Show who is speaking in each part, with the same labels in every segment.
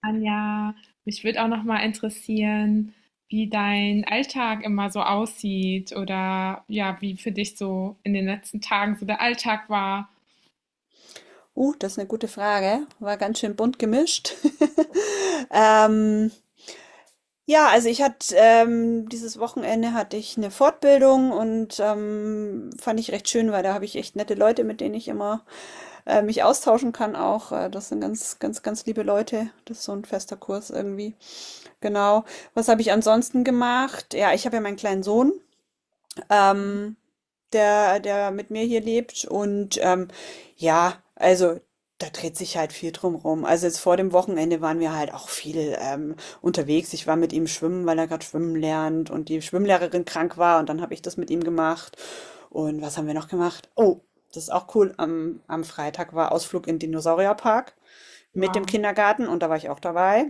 Speaker 1: Anja, mich würde auch noch mal interessieren, wie dein Alltag immer so aussieht oder ja, wie für dich so in den letzten Tagen so der Alltag war.
Speaker 2: Das ist eine gute Frage. War ganz schön bunt gemischt. Ähm, ja, also ich hatte dieses Wochenende hatte ich eine Fortbildung und fand ich recht schön, weil da habe ich echt nette Leute, mit denen ich immer mich austauschen kann auch. Das sind ganz, ganz, ganz liebe Leute. Das ist so ein fester Kurs irgendwie. Genau. Was habe ich ansonsten gemacht? Ja, ich habe ja meinen kleinen Sohn. Ähm, der mit mir hier lebt. Und ja, also da dreht sich halt viel drum rum. Also jetzt vor dem Wochenende waren wir halt auch viel unterwegs. Ich war mit ihm schwimmen, weil er gerade schwimmen lernt und die Schwimmlehrerin krank war und dann habe ich das mit ihm gemacht. Und was haben wir noch gemacht? Oh, das ist auch cool. Am Freitag war Ausflug in den Dinosaurierpark mit dem
Speaker 1: Ja,
Speaker 2: Kindergarten und da war ich auch dabei.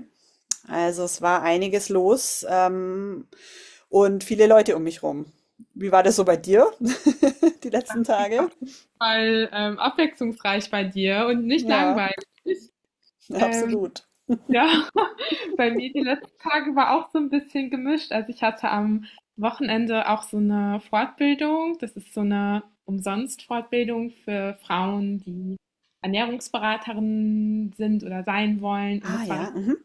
Speaker 2: Also es war einiges los und viele Leute um mich rum. Wie war das so bei dir die letzten Tage?
Speaker 1: weil abwechslungsreich bei dir und nicht
Speaker 2: Ja,
Speaker 1: langweilig.
Speaker 2: ja,
Speaker 1: Ähm,
Speaker 2: absolut.
Speaker 1: Ja, bei mir die letzten Tage war auch so ein bisschen gemischt. Also, ich hatte am Wochenende auch so eine Fortbildung. Das ist so eine Umsonst-Fortbildung für Frauen, die Ernährungsberaterinnen sind oder sein wollen, und
Speaker 2: Ah
Speaker 1: das war
Speaker 2: ja,
Speaker 1: richtig
Speaker 2: mhm,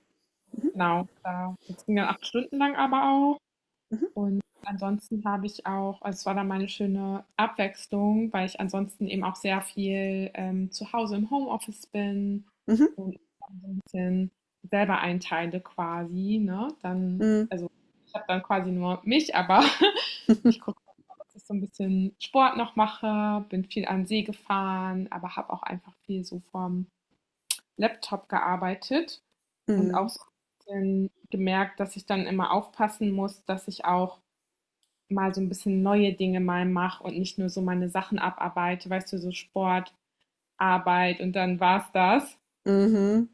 Speaker 1: genau, da das ging dann 8 Stunden lang aber auch. Und ansonsten habe ich auch, also es war dann mal 'ne schöne Abwechslung, weil ich ansonsten eben auch sehr viel, zu Hause im Homeoffice bin
Speaker 2: mhm,
Speaker 1: und so ein bisschen selber einteile quasi, ne? Dann
Speaker 2: mhm,
Speaker 1: ich habe dann quasi nur mich, aber ich gucke, dass ich so ein bisschen Sport noch mache, bin viel an den See gefahren, aber habe auch einfach viel so vom Laptop gearbeitet und auch
Speaker 2: mhm,
Speaker 1: so 'n bisschen gemerkt, dass ich dann immer aufpassen muss, dass ich auch mal so ein bisschen neue Dinge mal mache und nicht nur so meine Sachen abarbeite, weißt du, so Sport, Arbeit und dann war's das.
Speaker 2: mhm.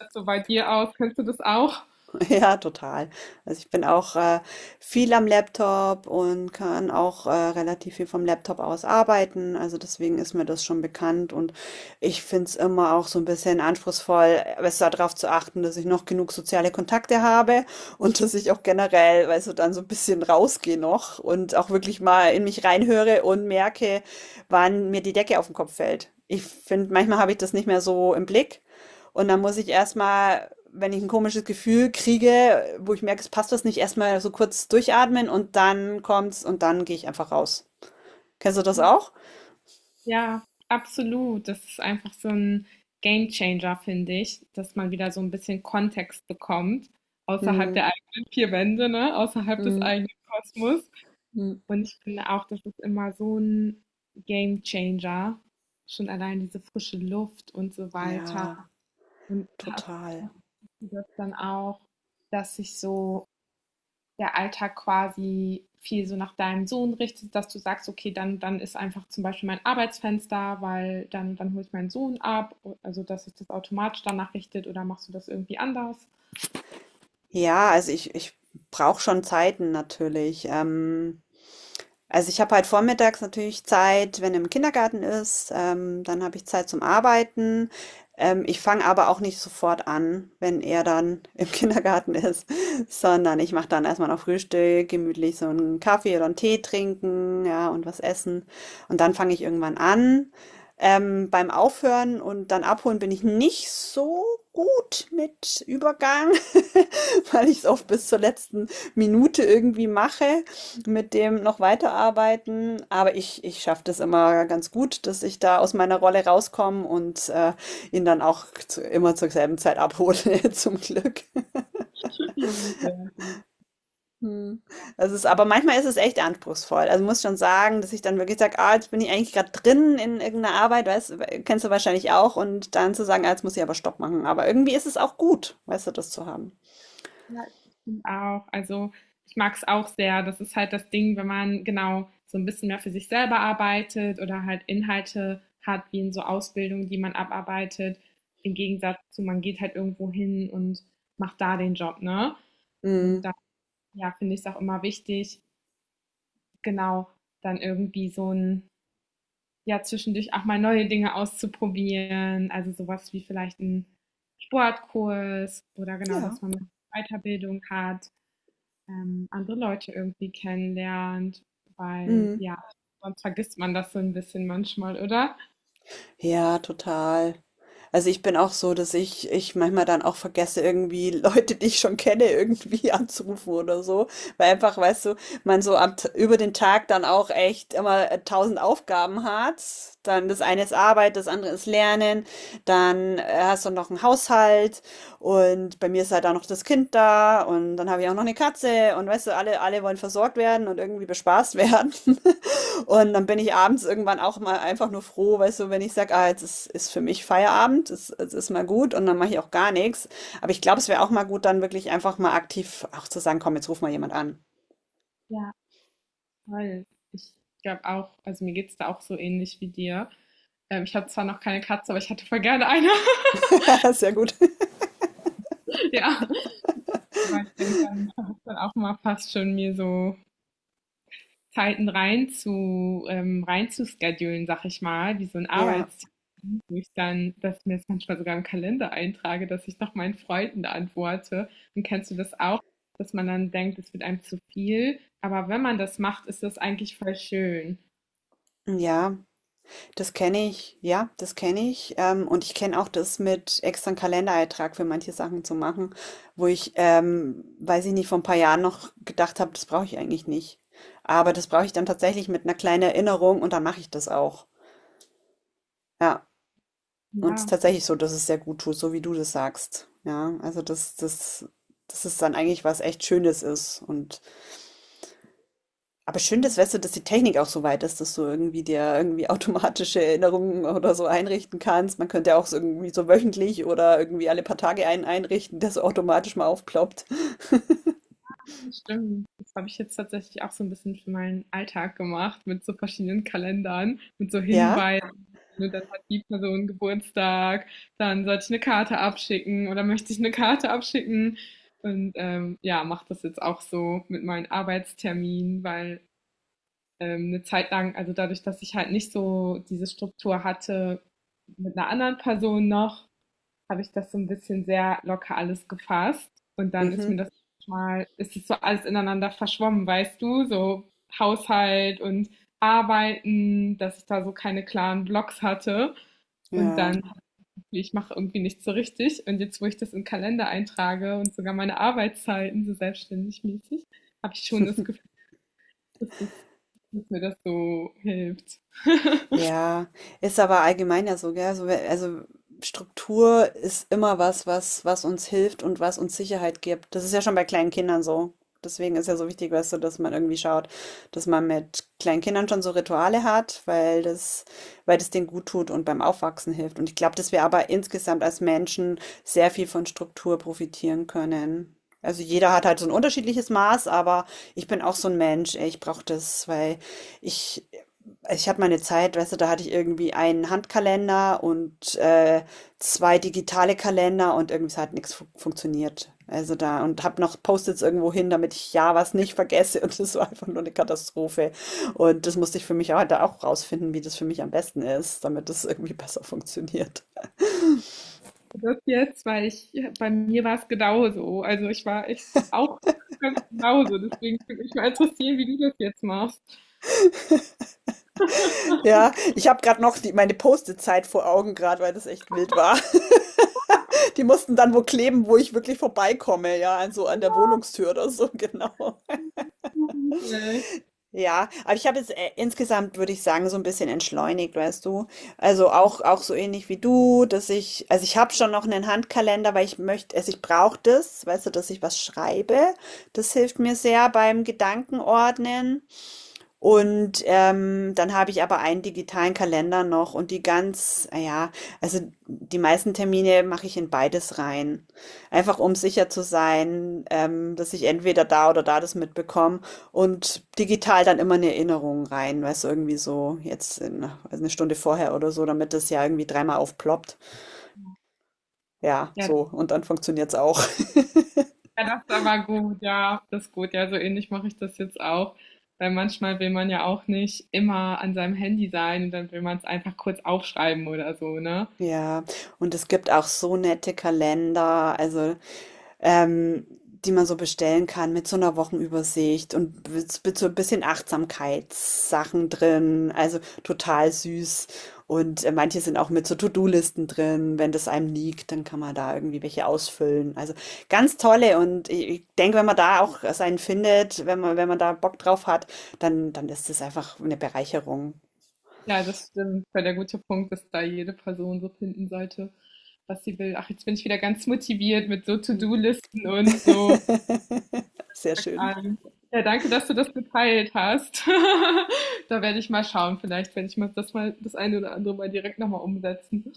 Speaker 1: Ist so bei dir aus? Kennst du das auch?
Speaker 2: Ja, total. Also ich bin auch viel am Laptop und kann auch relativ viel vom Laptop aus arbeiten. Also deswegen ist mir das schon bekannt und ich finde es immer auch so ein bisschen anspruchsvoll, besser darauf zu achten, dass ich noch genug soziale Kontakte habe und dass ich auch generell, weißt du, dann so ein bisschen rausgehe noch und auch wirklich mal in mich reinhöre und merke, wann mir die Decke auf den Kopf fällt. Ich finde, manchmal habe ich das nicht mehr so im Blick. Und dann muss ich erstmal, wenn ich ein komisches Gefühl kriege, wo ich merke, es passt was nicht, erstmal so kurz durchatmen und dann kommt's und dann gehe ich einfach raus. Kennst du das auch?
Speaker 1: Ja, absolut. Das ist einfach so 'n Gamechanger, finde ich, dass man wieder so ein bisschen Kontext bekommt außerhalb der
Speaker 2: Hm,
Speaker 1: eigenen 4 Wände, ne, außerhalb des
Speaker 2: hm,
Speaker 1: eigenen Kosmos.
Speaker 2: hm.
Speaker 1: Und ich finde auch, das ist immer so 'n Gamechanger, schon allein diese frische Luft und so weiter.
Speaker 2: Ja,
Speaker 1: Und hast
Speaker 2: total.
Speaker 1: du das dann auch, dass sich so der Alltag quasi viel so nach deinem Sohn richtet, dass du sagst, okay, dann ist einfach zum Beispiel mein Arbeitsfenster, weil dann hole ich meinen Sohn ab, also dass sich das automatisch danach richtet oder machst du das irgendwie anders?
Speaker 2: Ja, also ich brauche schon Zeiten natürlich. Also ich habe halt vormittags natürlich Zeit, wenn er im Kindergarten ist, dann habe ich Zeit zum Arbeiten. Ich fange aber auch nicht sofort an, wenn er dann im Kindergarten ist, sondern ich mache dann erstmal noch Frühstück, gemütlich so einen Kaffee oder einen Tee trinken, ja, und was essen. Und dann fange ich irgendwann an. Beim Aufhören und dann abholen bin ich nicht so gut mit Übergang, weil ich es oft bis zur letzten Minute irgendwie mache mit dem noch weiterarbeiten, aber ich schaffe das immer ganz gut, dass ich da aus meiner Rolle rauskomme und ihn dann auch immer zur selben Zeit abhole, zum Glück.
Speaker 1: Ja, sehr, sehr.
Speaker 2: Hm. Das ist, aber manchmal ist es echt anspruchsvoll. Also muss schon sagen, dass ich dann wirklich sage, ah, jetzt bin ich eigentlich gerade drin in irgendeiner Arbeit, weißt, kennst du wahrscheinlich auch, und dann zu sagen, ah, jetzt muss ich aber Stopp machen. Aber irgendwie ist es auch gut, weißt du, das zu haben.
Speaker 1: Ja, ich bin auch. Also ich mag es auch sehr. Das ist halt das Ding, wenn man genau so ein bisschen mehr für sich selber arbeitet oder halt Inhalte hat, wie in so Ausbildungen, die man abarbeitet. Im Gegensatz zu, man geht halt irgendwo hin und macht da den Job, ne? Und
Speaker 2: Hm.
Speaker 1: da, ja, finde ich es auch immer wichtig, genau, dann irgendwie so ein, ja, zwischendurch auch mal neue Dinge auszuprobieren. Also sowas wie vielleicht ein Sportkurs oder genau,
Speaker 2: Ja.
Speaker 1: dass man eine Weiterbildung hat, andere Leute irgendwie kennenlernt, weil
Speaker 2: Hm.
Speaker 1: ja, sonst vergisst man das so ein bisschen manchmal, oder?
Speaker 2: Ja, total. Also, ich bin auch so, dass ich manchmal dann auch vergesse, irgendwie Leute, die ich schon kenne, irgendwie anzurufen oder so. Weil einfach, weißt du, man so über den Tag dann auch echt immer tausend Aufgaben hat. Dann das eine ist Arbeit, das andere ist Lernen. Dann hast du noch einen Haushalt und bei mir ist halt auch noch das Kind da und dann habe ich auch noch eine Katze und weißt du, alle, alle wollen versorgt werden und irgendwie bespaßt werden. Und dann bin ich abends irgendwann auch mal einfach nur froh, weißt du, wenn ich sage, ah, jetzt ist für mich Feierabend, es ist mal gut und dann mache ich auch gar nichts. Aber ich glaube, es wäre auch mal gut, dann wirklich einfach mal aktiv auch zu sagen, komm, jetzt ruf mal jemand an.
Speaker 1: Ja, voll. Ich glaube auch, also mir geht's da auch so ähnlich wie dir. Ich habe zwar noch keine Katze, aber ich hätte voll gerne eine.
Speaker 2: Sehr gut.
Speaker 1: Ja, aber ich denke, dann versuche dann auch mal fast schon mir so Zeiten rein zu schedulen, sag ich mal, wie so ein
Speaker 2: Ja,
Speaker 1: Arbeitstier. Mich dann, dass ich mir das manchmal sogar im Kalender eintrage, dass ich noch meinen Freunden antworte. Und kennst du das auch, dass man dann denkt, es wird einem zu viel? Aber wenn man das macht, ist das eigentlich voll schön.
Speaker 2: ja, das kenne ich. Ja, das kenne ich. Und ich kenne auch das mit extra einen Kalendereintrag für manche Sachen zu machen, wo ich, weiß ich nicht, vor ein paar Jahren noch gedacht habe, das brauche ich eigentlich nicht. Aber das brauche ich dann tatsächlich mit einer kleinen Erinnerung und dann mache ich das auch. Ja. Und es ist
Speaker 1: Ja,
Speaker 2: tatsächlich so, dass es sehr gut tut, so wie du das sagst. Ja, also das ist dann eigentlich was echt Schönes ist. Und aber schön, dass,
Speaker 1: ja,
Speaker 2: weißt du, dass die Technik auch so weit ist, dass du irgendwie dir irgendwie automatische Erinnerungen oder so einrichten kannst. Man könnte ja auch so irgendwie so wöchentlich oder irgendwie alle paar Tage einen einrichten, der so automatisch mal aufploppt.
Speaker 1: das stimmt. Das habe ich jetzt tatsächlich auch so ein bisschen für meinen Alltag gemacht, mit so verschiedenen Kalendern, mit so
Speaker 2: Ja.
Speaker 1: Hinweisen. Ne, dann hat die Person Geburtstag, dann sollte ich eine Karte abschicken oder möchte ich eine Karte abschicken. Und ja, mache das jetzt auch so mit meinen Arbeitsterminen, weil eine Zeit lang, also dadurch, dass ich halt nicht so diese Struktur hatte mit einer anderen Person noch, habe ich das so ein bisschen sehr locker alles gefasst. Und dann ist
Speaker 2: Mhm.
Speaker 1: mir das mal, ist es so alles ineinander verschwommen, weißt du, so Haushalt und Arbeiten, dass ich da so keine klaren Blocks hatte. Und
Speaker 2: Ja.
Speaker 1: dann, ich mache irgendwie nichts so richtig. Und jetzt, wo ich das im Kalender eintrage und sogar meine Arbeitszeiten so selbstständig mäßig, habe ich schon das Gefühl, dass es dass mir das so hilft.
Speaker 2: Ja, ist aber allgemein ja so, gell? So, also Struktur ist immer was, was uns hilft und was uns Sicherheit gibt. Das ist ja schon bei kleinen Kindern so. Deswegen ist ja so wichtig, weißt du, dass man irgendwie schaut, dass man mit kleinen Kindern schon so Rituale hat, weil das denen gut tut und beim Aufwachsen hilft. Und ich glaube, dass wir aber insgesamt als Menschen sehr viel von Struktur profitieren können. Also jeder hat halt so ein unterschiedliches Maß, aber ich bin auch so ein Mensch, ey, ich brauche das, weil ich ich habe meine Zeit, weißt du, da hatte ich irgendwie einen Handkalender und zwei digitale Kalender und irgendwie es hat nichts fu funktioniert. Also da und habe noch Post-its irgendwo hin, damit ich ja was nicht vergesse und das war einfach nur eine Katastrophe. Und das musste ich für mich auch, da auch rausfinden, wie das für mich am besten ist, damit das irgendwie besser funktioniert.
Speaker 1: Das jetzt, weil ich, bei mir war es genauso. Also ich war echt auch ganz genauso. Deswegen würde mich mal interessieren, wie du das jetzt machst.
Speaker 2: Ja, ich habe gerade noch meine Post-it-Zeit vor Augen gerade, weil das echt wild war. Die mussten dann wo kleben, wo ich wirklich vorbeikomme, ja, an so an der Wohnungstür oder so, genau.
Speaker 1: Und,
Speaker 2: Ja, aber ich habe jetzt insgesamt, würde ich sagen, so ein bisschen entschleunigt, weißt du. Also auch, auch so ähnlich wie du, dass ich, also ich habe schon noch einen Handkalender, weil ich möchte, also ich brauche das, weißt du, dass ich was schreibe. Das hilft mir sehr beim Gedankenordnen. Und dann habe ich aber einen digitalen Kalender noch und die ganz, ah ja, also die meisten Termine mache ich in beides rein. Einfach um sicher zu sein, dass ich entweder da oder da das mitbekomme und digital dann immer eine Erinnerung rein, weißt du, irgendwie so jetzt in, also eine Stunde vorher oder so, damit das ja irgendwie dreimal aufploppt. Ja,
Speaker 1: ja, ja,
Speaker 2: so. Und dann funktioniert's auch.
Speaker 1: das ist aber gut, ja, das ist gut. Ja, so ähnlich mache ich das jetzt auch. Weil manchmal will man ja auch nicht immer an seinem Handy sein und dann will man es einfach kurz aufschreiben oder so, ne?
Speaker 2: Ja. Und es gibt auch so nette Kalender. Also. ähm, die man so bestellen kann mit so einer Wochenübersicht und mit so ein bisschen Achtsamkeitssachen drin, also total süß. Und manche sind auch mit so To-do-Listen drin. Wenn das einem liegt, dann kann man da irgendwie welche ausfüllen. Also, ganz tolle und i ich denke, wenn man da auch seinen findet, wenn man wenn man da Bock drauf hat, dann ist das einfach eine Bereicherung.
Speaker 1: Ja, das stimmt, weil der gute Punkt ist da jede Person so finden sollte, was sie will. Ach, jetzt bin ich wieder ganz motiviert mit so To-Do-Listen und so.
Speaker 2: Sehr schön.
Speaker 1: Ähm, ja, danke, dass du das geteilt hast. Da werde ich mal schauen, vielleicht werde ich mal das eine oder andere mal direkt nochmal umsetzen.